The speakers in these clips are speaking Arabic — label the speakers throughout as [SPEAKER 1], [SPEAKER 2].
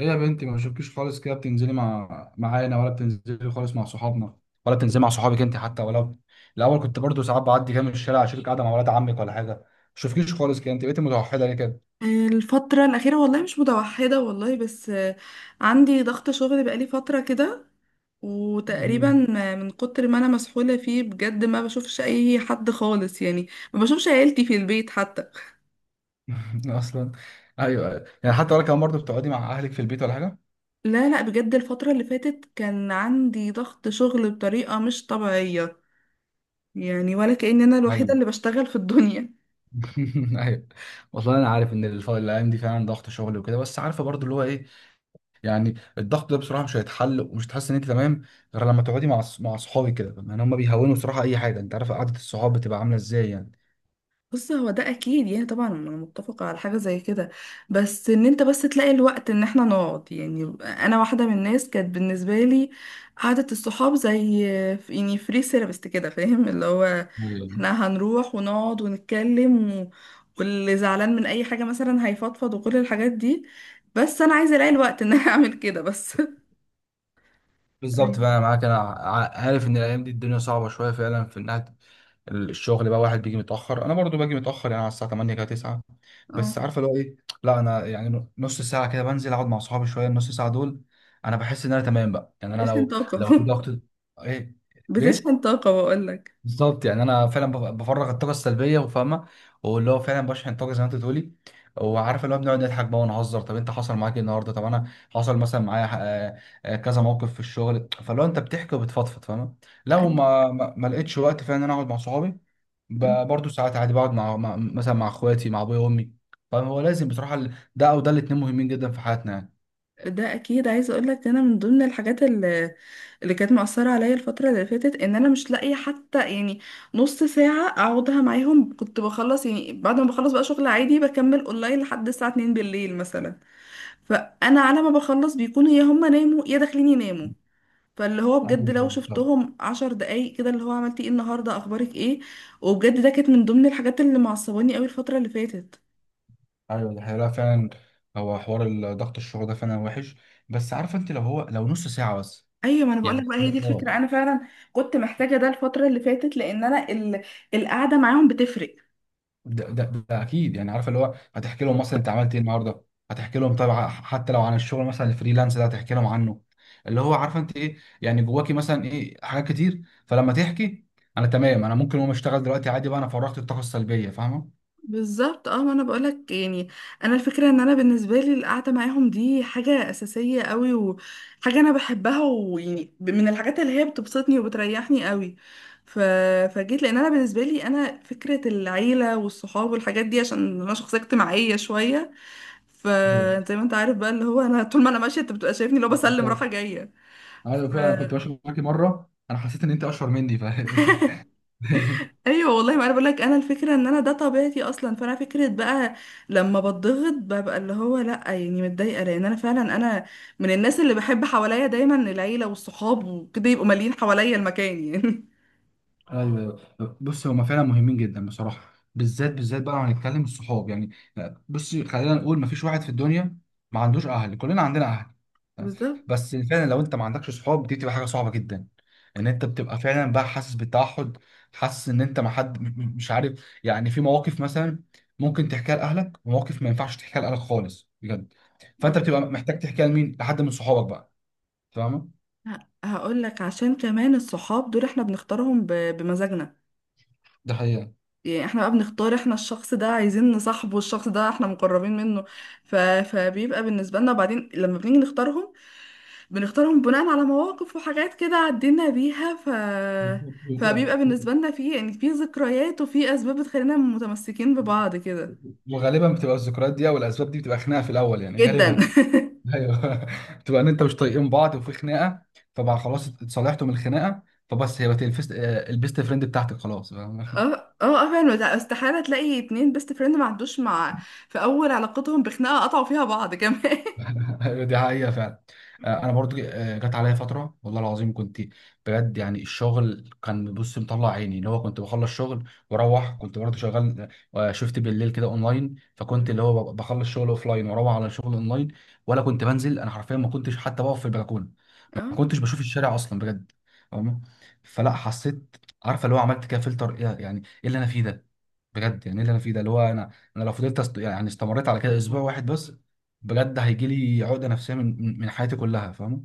[SPEAKER 1] ايه يا بنتي، ما بشوفكيش خالص كده. بتنزلي معانا ولا بتنزلي خالص مع صحابنا ولا بتنزلي مع صحابك انت حتى؟ ولا الاول كنت برضو ساعات بعدي كده من الشارع اشوفك قاعده مع ولاد عمك ولا حاجه. ما بشوفكيش خالص كده، انت بقيتي متوحده ليه كده؟
[SPEAKER 2] الفترة الأخيرة والله مش متوحدة والله بس عندي ضغط شغل بقالي فترة كده وتقريبا
[SPEAKER 1] مم.
[SPEAKER 2] من كتر ما أنا مسحولة فيه بجد ما بشوفش أي حد خالص يعني ما بشوفش عيلتي في البيت حتى.
[SPEAKER 1] اصلا ايوه يعني، حتى ولا كمان برضو بتقعدي مع اهلك في البيت ولا حاجه؟
[SPEAKER 2] لا لا، بجد الفترة اللي فاتت كان عندي ضغط شغل بطريقة مش طبيعية، يعني ولا كأن أنا الوحيدة
[SPEAKER 1] ايوه
[SPEAKER 2] اللي بشتغل في الدنيا.
[SPEAKER 1] ايوه. والله انا عارف ان الايام دي فعلا ضغط شغل وكده، بس عارفه برضو اللي هو ايه. يعني الضغط ده بصراحه مش هيتحل ومش هتحس ان انت تمام غير لما تقعدي مع مع اصحابي كده، يعني هم بيهونوا بصراحه اي حاجه. انت عارف قعده الصحاب بتبقى عامله ازاي يعني.
[SPEAKER 2] بص، هو ده اكيد، يعني طبعا انا متفقه على حاجه زي كده، بس ان انت بس تلاقي الوقت ان احنا نقعد. يعني انا واحده من الناس كانت بالنسبه لي قعده الصحاب زي يعني فري سيرابست كده، فاهم اللي هو
[SPEAKER 1] ايوه،
[SPEAKER 2] احنا هنروح ونقعد ونتكلم و... واللي زعلان من اي حاجه مثلا هيفضفض وكل الحاجات دي، بس انا عايزه الاقي الوقت ان انا اعمل كده بس أيوة.
[SPEAKER 1] بالظبط بقى، انا معاك. انا عارف ان الايام دي الدنيا صعبه شويه فعلا في انها الشغل بقى. واحد بيجي متاخر، انا برضو باجي متاخر يعني على الساعه 8 كده 9، بس
[SPEAKER 2] اه،
[SPEAKER 1] عارفه اللي هو ايه. لا انا يعني نص ساعه كده بنزل اقعد مع اصحابي شويه، النص ساعه دول انا بحس ان انا تمام بقى. يعني انا
[SPEAKER 2] بتشحن
[SPEAKER 1] لو
[SPEAKER 2] طاقه
[SPEAKER 1] لو في ضغط، ايه، بيه،
[SPEAKER 2] بتشحن طاقه بقول لك.
[SPEAKER 1] بالظبط. يعني انا فعلا بفرغ الطاقه السلبيه، وفاهمه واللي هو فعلا بشحن طاقه زي ما انت بتقولي. وعارف اللي هو بنقعد نضحك بقى ونهزر. طب انت حصل معاك ايه النهارده؟ طب انا حصل مثلا معايا آه، كذا موقف في الشغل. فلو انت بتحكي وبتفضفض فاهمه. لو ما لقيتش وقت فعلا ان انا اقعد مع صحابي، برضه ساعات عادي بقعد مع مثلا مع اخواتي، مع ابويا وامي. فهو لازم بصراحه ده او ده، الاتنين مهمين جدا في حياتنا يعني.
[SPEAKER 2] ده اكيد. عايزه اقول لك، انا من ضمن الحاجات اللي كانت مأثره عليا الفتره اللي فاتت ان انا مش لاقيه حتى يعني نص ساعه اقعدها معاهم. كنت بخلص يعني، بعد ما بخلص بقى شغل عادي بكمل اونلاين لحد الساعه 2 بالليل مثلا، فانا على ما بخلص بيكونوا يا هم ناموا يا داخلين يناموا. فاللي هو بجد
[SPEAKER 1] أيوة،
[SPEAKER 2] لو
[SPEAKER 1] بالظبط.
[SPEAKER 2] شفتهم 10 دقايق كده اللي هو عملتي ايه النهارده، اخبارك ايه. وبجد ده كانت من ضمن الحاجات اللي معصباني قوي الفتره اللي فاتت.
[SPEAKER 1] ايوه دي حقيقة، لا فعلا. هو حوار ضغط الشغل ده فعلا وحش، بس عارفه انت لو هو لو نص ساعه بس.
[SPEAKER 2] ايوه، ما انا بقول
[SPEAKER 1] يعني
[SPEAKER 2] لك بقى، هي دي الفكره.
[SPEAKER 1] اه.
[SPEAKER 2] انا فعلا كنت محتاجه ده الفتره اللي فاتت لان القعده معاهم بتفرق.
[SPEAKER 1] ده, ده, ده اكيد يعني. عارفه اللي هو هتحكي لهم مثلا انت عملت ايه النهارده، هتحكي لهم طبعا حتى لو عن الشغل، مثلا الفريلانس ده هتحكي لهم عنه. اللي هو عارفه انت ايه يعني جواكي، مثلا ايه، حاجات كتير. فلما تحكي انا تمام، انا ممكن اقوم اشتغل دلوقتي عادي بقى، انا فرغت الطاقه السلبيه فاهمه.
[SPEAKER 2] بالظبط، اه، ما انا بقول لك يعني، انا الفكره ان انا بالنسبه لي القعده معاهم دي حاجه اساسيه قوي، وحاجه انا بحبها، ويعني من الحاجات اللي هي بتبسطني وبتريحني قوي. ف... فجيت لان انا بالنسبه لي انا فكره العيله والصحاب والحاجات دي، عشان انا شخصيه اجتماعيه شويه.
[SPEAKER 1] ايوه
[SPEAKER 2] فزي ما انت عارف بقى اللي هو انا طول ما انا ماشيه انت بتبقى شايفني، لو بسلم
[SPEAKER 1] بالظبط.
[SPEAKER 2] رايحه جايه.
[SPEAKER 1] ايوه فعلا، كنت ماشي معاكي مره انا حسيت ان انت اشهر مني ف
[SPEAKER 2] ايوه والله، ما انا بقول لك، انا الفكره ان انا ده طبيعتي اصلا. فانا فكره بقى لما بتضغط ببقى اللي هو لا يعني متضايقه، لان انا فعلا من الناس اللي بحب حواليا دايما العيله والصحاب وكده يبقوا مالين حواليا المكان يعني.
[SPEAKER 1] ايوه. أيوة. بص هما فعلا مهمين جدا بصراحه، بالذات بالذات بقى لو هنتكلم الصحاب يعني. بص خلينا نقول مفيش واحد في الدنيا ما عندوش اهل، كلنا عندنا اهل، تمام؟
[SPEAKER 2] بالظبط.
[SPEAKER 1] بس فعلا لو انت ما عندكش صحاب، دي بتبقى حاجه صعبه جدا. ان انت بتبقى فعلا بقى حاسس بالتوحد، حاسس ان انت ما حد مش عارف يعني. في مواقف مثلا ممكن تحكيها لاهلك، ومواقف ما ينفعش تحكيها لاهلك خالص بجد.
[SPEAKER 2] آه.
[SPEAKER 1] فانت بتبقى محتاج تحكيها لمين؟ لحد من صحابك بقى، فاهمه.
[SPEAKER 2] هقول لك، عشان كمان الصحاب دول احنا بنختارهم بمزاجنا.
[SPEAKER 1] ده
[SPEAKER 2] يعني احنا بقى بنختار احنا الشخص ده عايزين نصاحبه، الشخص ده احنا مقربين منه. فبيبقى بالنسبه لنا. وبعدين لما بنيجي نختارهم، بنختارهم بناء على مواقف وحاجات كده عدينا بيها. ف
[SPEAKER 1] حقيقه.
[SPEAKER 2] فبيبقى بالنسبة لنا في يعني في ذكريات وفي أسباب بتخلينا متمسكين ببعض كده
[SPEAKER 1] وغالبا بتبقى الذكريات دي او الاسباب دي بتبقى خناقه في الاول يعني
[SPEAKER 2] جدا.
[SPEAKER 1] غالبا. ايوه بتبقى ان انت مش طايقين بعض وفي خناقه، فبقى خلاص اتصالحتوا من الخناقه. فبس هي بقت آه، البيست فريند بتاعتك خلاص فاهم؟
[SPEAKER 2] اه اه اه، فعلا. وده استحالة تلاقي اتنين بيست فريند ما عندوش مع في أول علاقتهم بخناقة قطعوا فيها بعض كمان.
[SPEAKER 1] ايوه دي حقيقة فعلا. آه، انا برضو آه، جت عليا فترة والله العظيم كنت بجد يعني. الشغل كان، بص، مطلع عيني. اللي هو كنت بخلص شغل واروح كنت برضو شغال، آه، شفت بالليل كده اونلاين.
[SPEAKER 2] مم.
[SPEAKER 1] فكنت اللي هو بخلص شغل اوفلاين واروح على شغل اونلاين. ولا كنت بنزل، انا حرفيا ما كنتش حتى بقف في البلكونة، ما
[SPEAKER 2] اه،
[SPEAKER 1] كنتش بشوف الشارع اصلا بجد، فاهمة؟ فلا حسيت، عارفة اللي هو عملت كده فلتر ايه يعني ايه اللي انا فيه ده. بجد يعني ايه اللي انا فيه ده. اللي هو انا، يعني استمريت على كده اسبوع واحد بس بجد هيجي لي عقده نفسيه من حياتي كلها، فاهمه.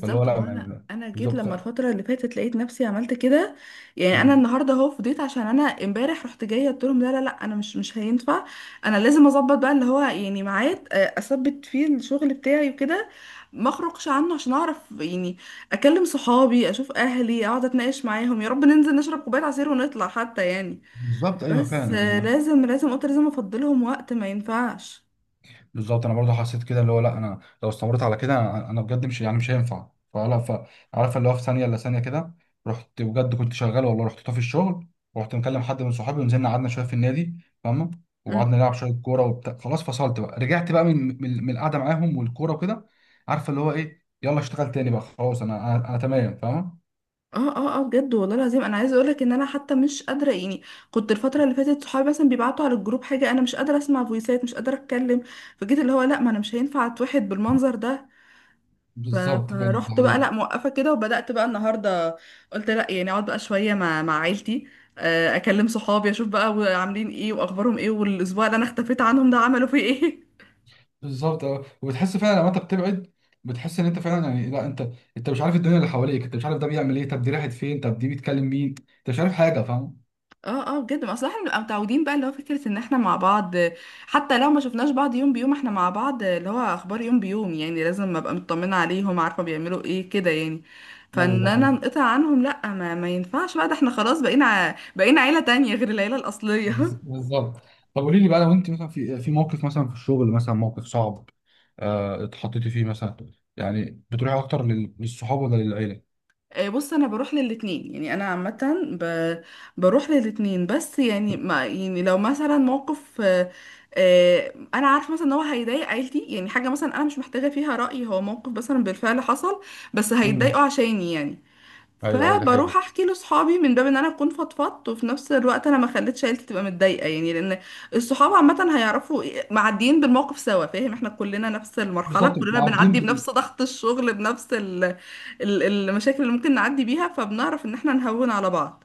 [SPEAKER 1] فاللي هو
[SPEAKER 2] ما
[SPEAKER 1] لا
[SPEAKER 2] هو انا انا جيت
[SPEAKER 1] بالظبط.
[SPEAKER 2] لما الفتره اللي فاتت لقيت نفسي عملت كده. يعني انا النهارده اهو فضيت، عشان انا امبارح رحت جايه قلت لهم لا لا لا، انا مش هينفع. انا لازم اظبط بقى اللي هو يعني ميعاد، اثبت فيه الشغل بتاعي وكده، ما اخرجش عنه عشان اعرف يعني اكلم صحابي، اشوف اهلي، اقعد اتناقش معاهم، يا رب ننزل نشرب كوبايه عصير ونطلع حتى يعني.
[SPEAKER 1] بالظبط. ايوه
[SPEAKER 2] بس
[SPEAKER 1] فعلا
[SPEAKER 2] لازم، قلت لازم افضلهم وقت، ما ينفعش.
[SPEAKER 1] بالظبط. انا برضه حسيت كده اللي هو لا، انا لو استمريت على كده أنا بجد مش يعني مش هينفع. فلا، فعارف اللي هو في ثانيه الا ثانيه كده رحت، بجد كنت شغال والله، رحت طافي الشغل ورحت مكلم حد من صحابي، ونزلنا قعدنا شويه في النادي فاهمه. وقعدنا نلعب شويه كوره وبتاع، خلاص فصلت بقى، رجعت بقى من القعده معاهم والكوره وكده. عارفه اللي هو ايه، يلا اشتغل تاني بقى خلاص، انا أنا تمام، فاهمه.
[SPEAKER 2] اه اه اه، بجد والله العظيم، انا عايزه اقولك ان انا حتى مش قادره. يعني كنت الفتره اللي فاتت صحابي مثلا بيبعتوا على الجروب حاجه، انا مش قادره اسمع فويسات، مش قادره اتكلم. فجيت اللي هو لا، ما انا مش هينفع اتوحد بالمنظر ده. ف-
[SPEAKER 1] بالظبط
[SPEAKER 2] فرحت بقى
[SPEAKER 1] فعلا.
[SPEAKER 2] لا موقفه كده، وبدات بقى النهارده قلت لا، يعني اقعد بقى شويه مع عيلتي، اكلم صحابي، اشوف بقى عاملين ايه واخبارهم ايه، والاسبوع اللي انا اختفيت عنهم ده عملوا فيه ايه.
[SPEAKER 1] بالظبط، اه. وبتحس فعلا لما انت بتبعد، بتحس ان انت فعلا يعني لا انت، انت مش عارف الدنيا اللي حواليك، انت مش عارف ده بيعمل ايه، طب دي راحت فين، طب دي بيتكلم مين، انت مش عارف حاجه، فاهم.
[SPEAKER 2] اه اه، بجد، ما اصل احنا بنبقى متعودين بقى اللي هو فكرة ان احنا مع بعض. حتى لو ما شفناش بعض يوم بيوم احنا مع بعض اللي هو اخبار يوم بيوم، يعني لازم ابقى مطمنة عليهم، عارفة بيعملوا ايه كده يعني.
[SPEAKER 1] ايوه
[SPEAKER 2] فان
[SPEAKER 1] ده
[SPEAKER 2] انا
[SPEAKER 1] حقيقي.
[SPEAKER 2] انقطع عنهم لا، ما ينفعش بقى. ده احنا خلاص بقينا بقينا عيلة تانية غير العيلة الاصلية.
[SPEAKER 1] بالظبط. طب قولي لي بقى، لو انت مثلا في موقف مثلا في الشغل، مثلا موقف صعب آه، اتحطيتي فيه مثلا، يعني بتروحي اكتر للصحاب ولا للعيله؟
[SPEAKER 2] بص انا بروح للاتنين، يعني انا عامه بروح للاتنين. بس يعني ما يعني لو مثلا موقف، انا عارفه مثلا ان هو هيضايق عيلتي، يعني حاجه مثلا انا مش محتاجه فيها راي، هو موقف مثلا بالفعل حصل بس
[SPEAKER 1] مم.
[SPEAKER 2] هيتضايقوا عشاني يعني.
[SPEAKER 1] ايوه ايوه ده حقيقي.
[SPEAKER 2] فبروح احكي لاصحابي من باب ان انا اكون فضفضت، وفي نفس الوقت انا ما خليتش عيلتي تبقى متضايقه يعني. لان الصحاب عامه هيعرفوا معديين بالموقف سوا، فاهم، احنا كلنا نفس المرحله،
[SPEAKER 1] بالظبط،
[SPEAKER 2] كلنا
[SPEAKER 1] معدين
[SPEAKER 2] بنعدي بنفس ضغط الشغل، بنفس ال ال المشاكل اللي ممكن نعدي بيها، فبنعرف ان احنا نهون على بعض.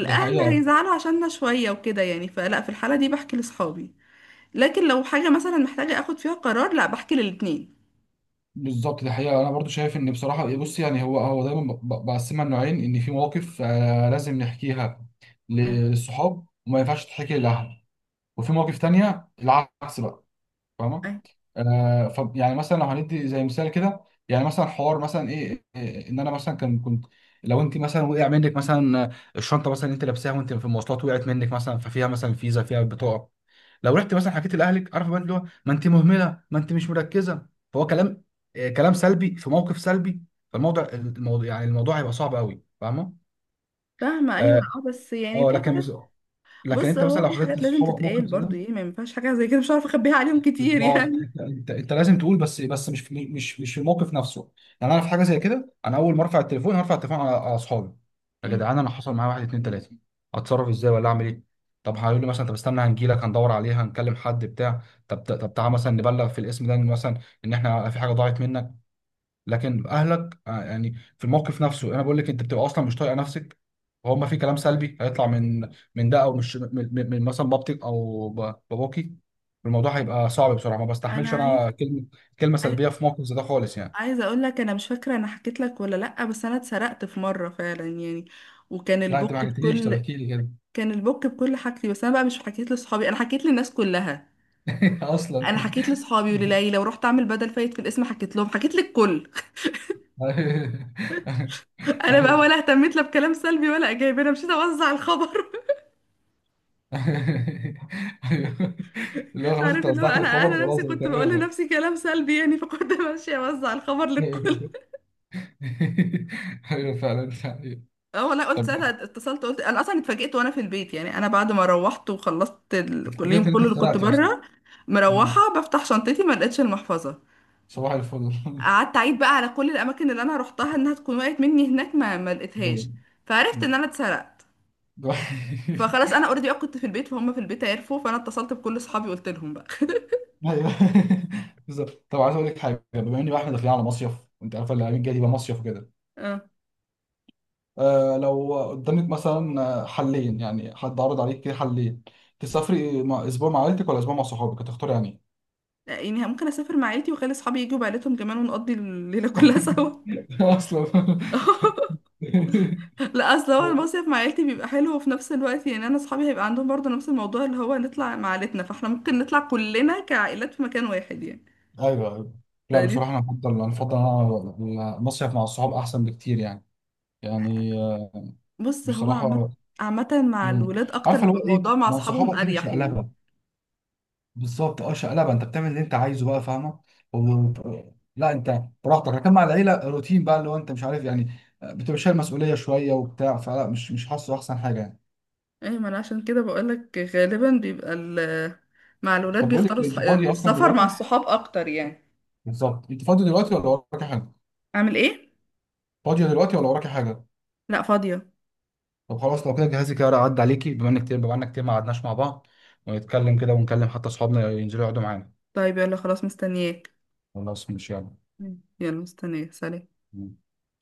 [SPEAKER 1] ده حقيقة.
[SPEAKER 2] هيزعلوا عشاننا شويه وكده يعني، فلا في الحاله دي بحكي لاصحابي. لكن لو حاجه مثلا محتاجه اخد فيها قرار، لا، بحكي للاتنين.
[SPEAKER 1] بالظبط، دي حقيقة. أنا برضو شايف إن بصراحة، بص يعني هو هو دايما بقسمها لنوعين، إن في مواقف آه، لازم نحكيها
[SPEAKER 2] مم.
[SPEAKER 1] للصحاب وما ينفعش تتحكي للأهل، وفي مواقف تانية العكس بقى، فاهمة؟
[SPEAKER 2] أي-
[SPEAKER 1] آه، ف يعني مثلا لو هندي زي مثال كده، يعني مثلا حوار مثلا إيه، إن أنا مثلا كان كنت، لو أنت مثلا وقع منك مثلا آه، الشنطة مثلا. أنت لابساها وأنت في المواصلات وقعت منك، مثلا ففيها مثلا فيزا، فيها بطاقة. لو رحت مثلا حكيت لاهلك، عارف بقى اللي هو ما انت مهمله، ما انت مش مركزه، فهو كلام آه، كلام سلبي في موقف سلبي. فالموضوع يعني الموضوع هيبقى صعب قوي، فاهمه.
[SPEAKER 2] فاهمة، أيوة،
[SPEAKER 1] اه،
[SPEAKER 2] اه، بس يعني
[SPEAKER 1] آه،
[SPEAKER 2] في
[SPEAKER 1] لكن
[SPEAKER 2] حاجات.
[SPEAKER 1] بس، لكن
[SPEAKER 2] بص،
[SPEAKER 1] انت مثلا
[SPEAKER 2] هو
[SPEAKER 1] لو
[SPEAKER 2] في
[SPEAKER 1] حطيت
[SPEAKER 2] حاجات لازم
[SPEAKER 1] صحابك موقف
[SPEAKER 2] تتقال
[SPEAKER 1] زي ده،
[SPEAKER 2] برضو، ايه، ما ينفعش حاجة زي كده مش عارفة اخبيها عليهم كتير
[SPEAKER 1] بالظبط.
[SPEAKER 2] يعني.
[SPEAKER 1] انت لازم تقول بس، مش في الموقف نفسه. يعني انا في حاجه زي كده انا اول ما ارفع التليفون هرفع التليفون على اصحابي، يا
[SPEAKER 2] مم.
[SPEAKER 1] جدعان انا حصل معايا واحد اتنين تلاته، اتصرف ازاي ولا اعمل ايه؟ طب هيقول لي مثلا طب استنى هنجيلك هندور عليها هنكلم حد بتاع. طب تعالى مثلا نبلغ في الاسم ده إن مثلا ان احنا في حاجه ضاعت منك. لكن اهلك آه، يعني في الموقف نفسه انا بقول لك، انت بتبقى اصلا مش طايقه نفسك، وهو ما في كلام سلبي هيطلع من من ده او مش من, من من مثلا بابتك او باباكي. الموضوع هيبقى صعب بصراحه، ما
[SPEAKER 2] انا
[SPEAKER 1] بستحملش
[SPEAKER 2] عايز
[SPEAKER 1] انا كلمه، كلمه
[SPEAKER 2] عاي-
[SPEAKER 1] سلبيه في موقف زي ده خالص يعني.
[SPEAKER 2] عايزه اقول لك، انا مش فاكره انا حكيت لك ولا لا، بس انا اتسرقت في مره فعلا يعني. وكان
[SPEAKER 1] لا انت ما
[SPEAKER 2] البوك
[SPEAKER 1] حكيتليش، طب
[SPEAKER 2] بكل
[SPEAKER 1] احكي لي كده.
[SPEAKER 2] كان البوك بكل حاجتي. بس انا بقى مش حكيت لاصحابي، انا حكيت للناس كلها.
[SPEAKER 1] اصلا.
[SPEAKER 2] انا حكيت لاصحابي ولليلى، ورحت اعمل بدل فايت في الاسم، حكيت لهم، حكيت للكل.
[SPEAKER 1] أيوه.
[SPEAKER 2] انا بقى
[SPEAKER 1] أيوه.
[SPEAKER 2] ولا اهتميت لا بكلام سلبي ولا ايجابي، انا مشيت اوزع الخبر.
[SPEAKER 1] اللي هو خلاص انت
[SPEAKER 2] عارف اللي هو،
[SPEAKER 1] وزعت
[SPEAKER 2] انا
[SPEAKER 1] الخبر،
[SPEAKER 2] انا نفسي
[SPEAKER 1] خلاص انا
[SPEAKER 2] كنت بقول
[SPEAKER 1] تمام بقى.
[SPEAKER 2] لنفسي كلام سلبي يعني، فكنت ماشيه اوزع الخبر للكل.
[SPEAKER 1] ايوه فعلا أيوة.
[SPEAKER 2] اه والله، قلت
[SPEAKER 1] طب
[SPEAKER 2] ساعتها، اتصلت قلت انا اصلا اتفاجئت وانا في البيت. يعني انا بعد ما روحت وخلصت كل
[SPEAKER 1] رجعت
[SPEAKER 2] اليوم
[SPEAKER 1] ان انت
[SPEAKER 2] كله اللي كنت
[SPEAKER 1] اتخرقت اصلا.
[SPEAKER 2] بره،
[SPEAKER 1] مم.
[SPEAKER 2] مروحه بفتح شنطتي، ما لقيتش المحفظه.
[SPEAKER 1] صباح الفل
[SPEAKER 2] قعدت اعيد بقى على كل الاماكن اللي انا روحتها انها تكون وقعت مني هناك، ما
[SPEAKER 1] ايوه
[SPEAKER 2] لقيتهاش، فعرفت ان انا اتسرقت.
[SPEAKER 1] ده-
[SPEAKER 2] فخلاص انا اوريدي كنت في البيت، فهم في البيت عرفوا، فانا اتصلت بكل اصحابي قلت لهم بقى.
[SPEAKER 1] ايوه بالظبط. طب عايز اقول لك حاجه، بما ان بقى احنا داخلين على مصيف وانت عارفه اللي الجاي دي بقى مصيف وكده،
[SPEAKER 2] اه.
[SPEAKER 1] آه لو قدامك مثلا آه، حلين يعني، حد عرض عليك كده حلين تسافري مع اسبوع مع عيلتك ولا اسبوع مع صحابك، هتختاري يعني إيه؟
[SPEAKER 2] يعني ممكن اسافر مع عيلتي واخلي اصحابي يجوا بعيلتهم كمان، ونقضي الليله كلها سوا.
[SPEAKER 1] اصلا ايوه
[SPEAKER 2] لا، اصل هو المصيف مع عيلتي بيبقى حلو، وفي نفس الوقت يعني انا اصحابي هيبقى عندهم برضه نفس الموضوع اللي هو نطلع مع عيلتنا، فاحنا ممكن نطلع كلنا كعائلات في مكان واحد يعني.
[SPEAKER 1] ايوه. لا
[SPEAKER 2] فدي.
[SPEAKER 1] بصراحه انا افضل، انا افضل المصيف مع الصحاب احسن بكتير يعني، يعني آه،
[SPEAKER 2] بص، هو عامة،
[SPEAKER 1] بصراحه.
[SPEAKER 2] عامة مع
[SPEAKER 1] امم،
[SPEAKER 2] الولاد اكتر
[SPEAKER 1] عارفه اللي
[SPEAKER 2] بيبقى
[SPEAKER 1] هو ايه،
[SPEAKER 2] الموضوع مع
[SPEAKER 1] مع
[SPEAKER 2] اصحابهم
[SPEAKER 1] صحابك كده
[SPEAKER 2] اريح يعني.
[SPEAKER 1] شقلبه. بالظبط اه، شقلبه، انت بتعمل اللي انت عايزه بقى فاهمه. و... لا انت براحتك، لكن مع العيله روتين بقى، اللي هو انت مش عارف يعني، بتبقى شايل مسؤوليه شويه وبتاع، فلا مش حاسه احسن حاجه يعني.
[SPEAKER 2] ايه، ما انا عشان كده بقولك غالبا بيبقى مع الولاد
[SPEAKER 1] طب بقول
[SPEAKER 2] بيختاروا
[SPEAKER 1] لك إيه، انت فاضي اصلا
[SPEAKER 2] السفر مع
[SPEAKER 1] دلوقتي؟
[SPEAKER 2] الصحاب اكتر يعني.
[SPEAKER 1] بالظبط، انت فاضي دلوقتي ولا وراكي حاجه؟
[SPEAKER 2] اعمل ايه؟
[SPEAKER 1] فاضيه دلوقتي ولا وراكي حاجه؟
[SPEAKER 2] لا، فاضية.
[SPEAKER 1] طب خلاص لو كده جهزي كده اعدي عليكي، بما انك كتير بما انك كتير ما قعدناش مع بعض، ونتكلم كده، ونكلم حتى اصحابنا ينزلوا يقعدوا معانا.
[SPEAKER 2] طيب يلا، خلاص مستنياك.
[SPEAKER 1] خلاص مش يلا.
[SPEAKER 2] مم. يلا مستنياك، سلام.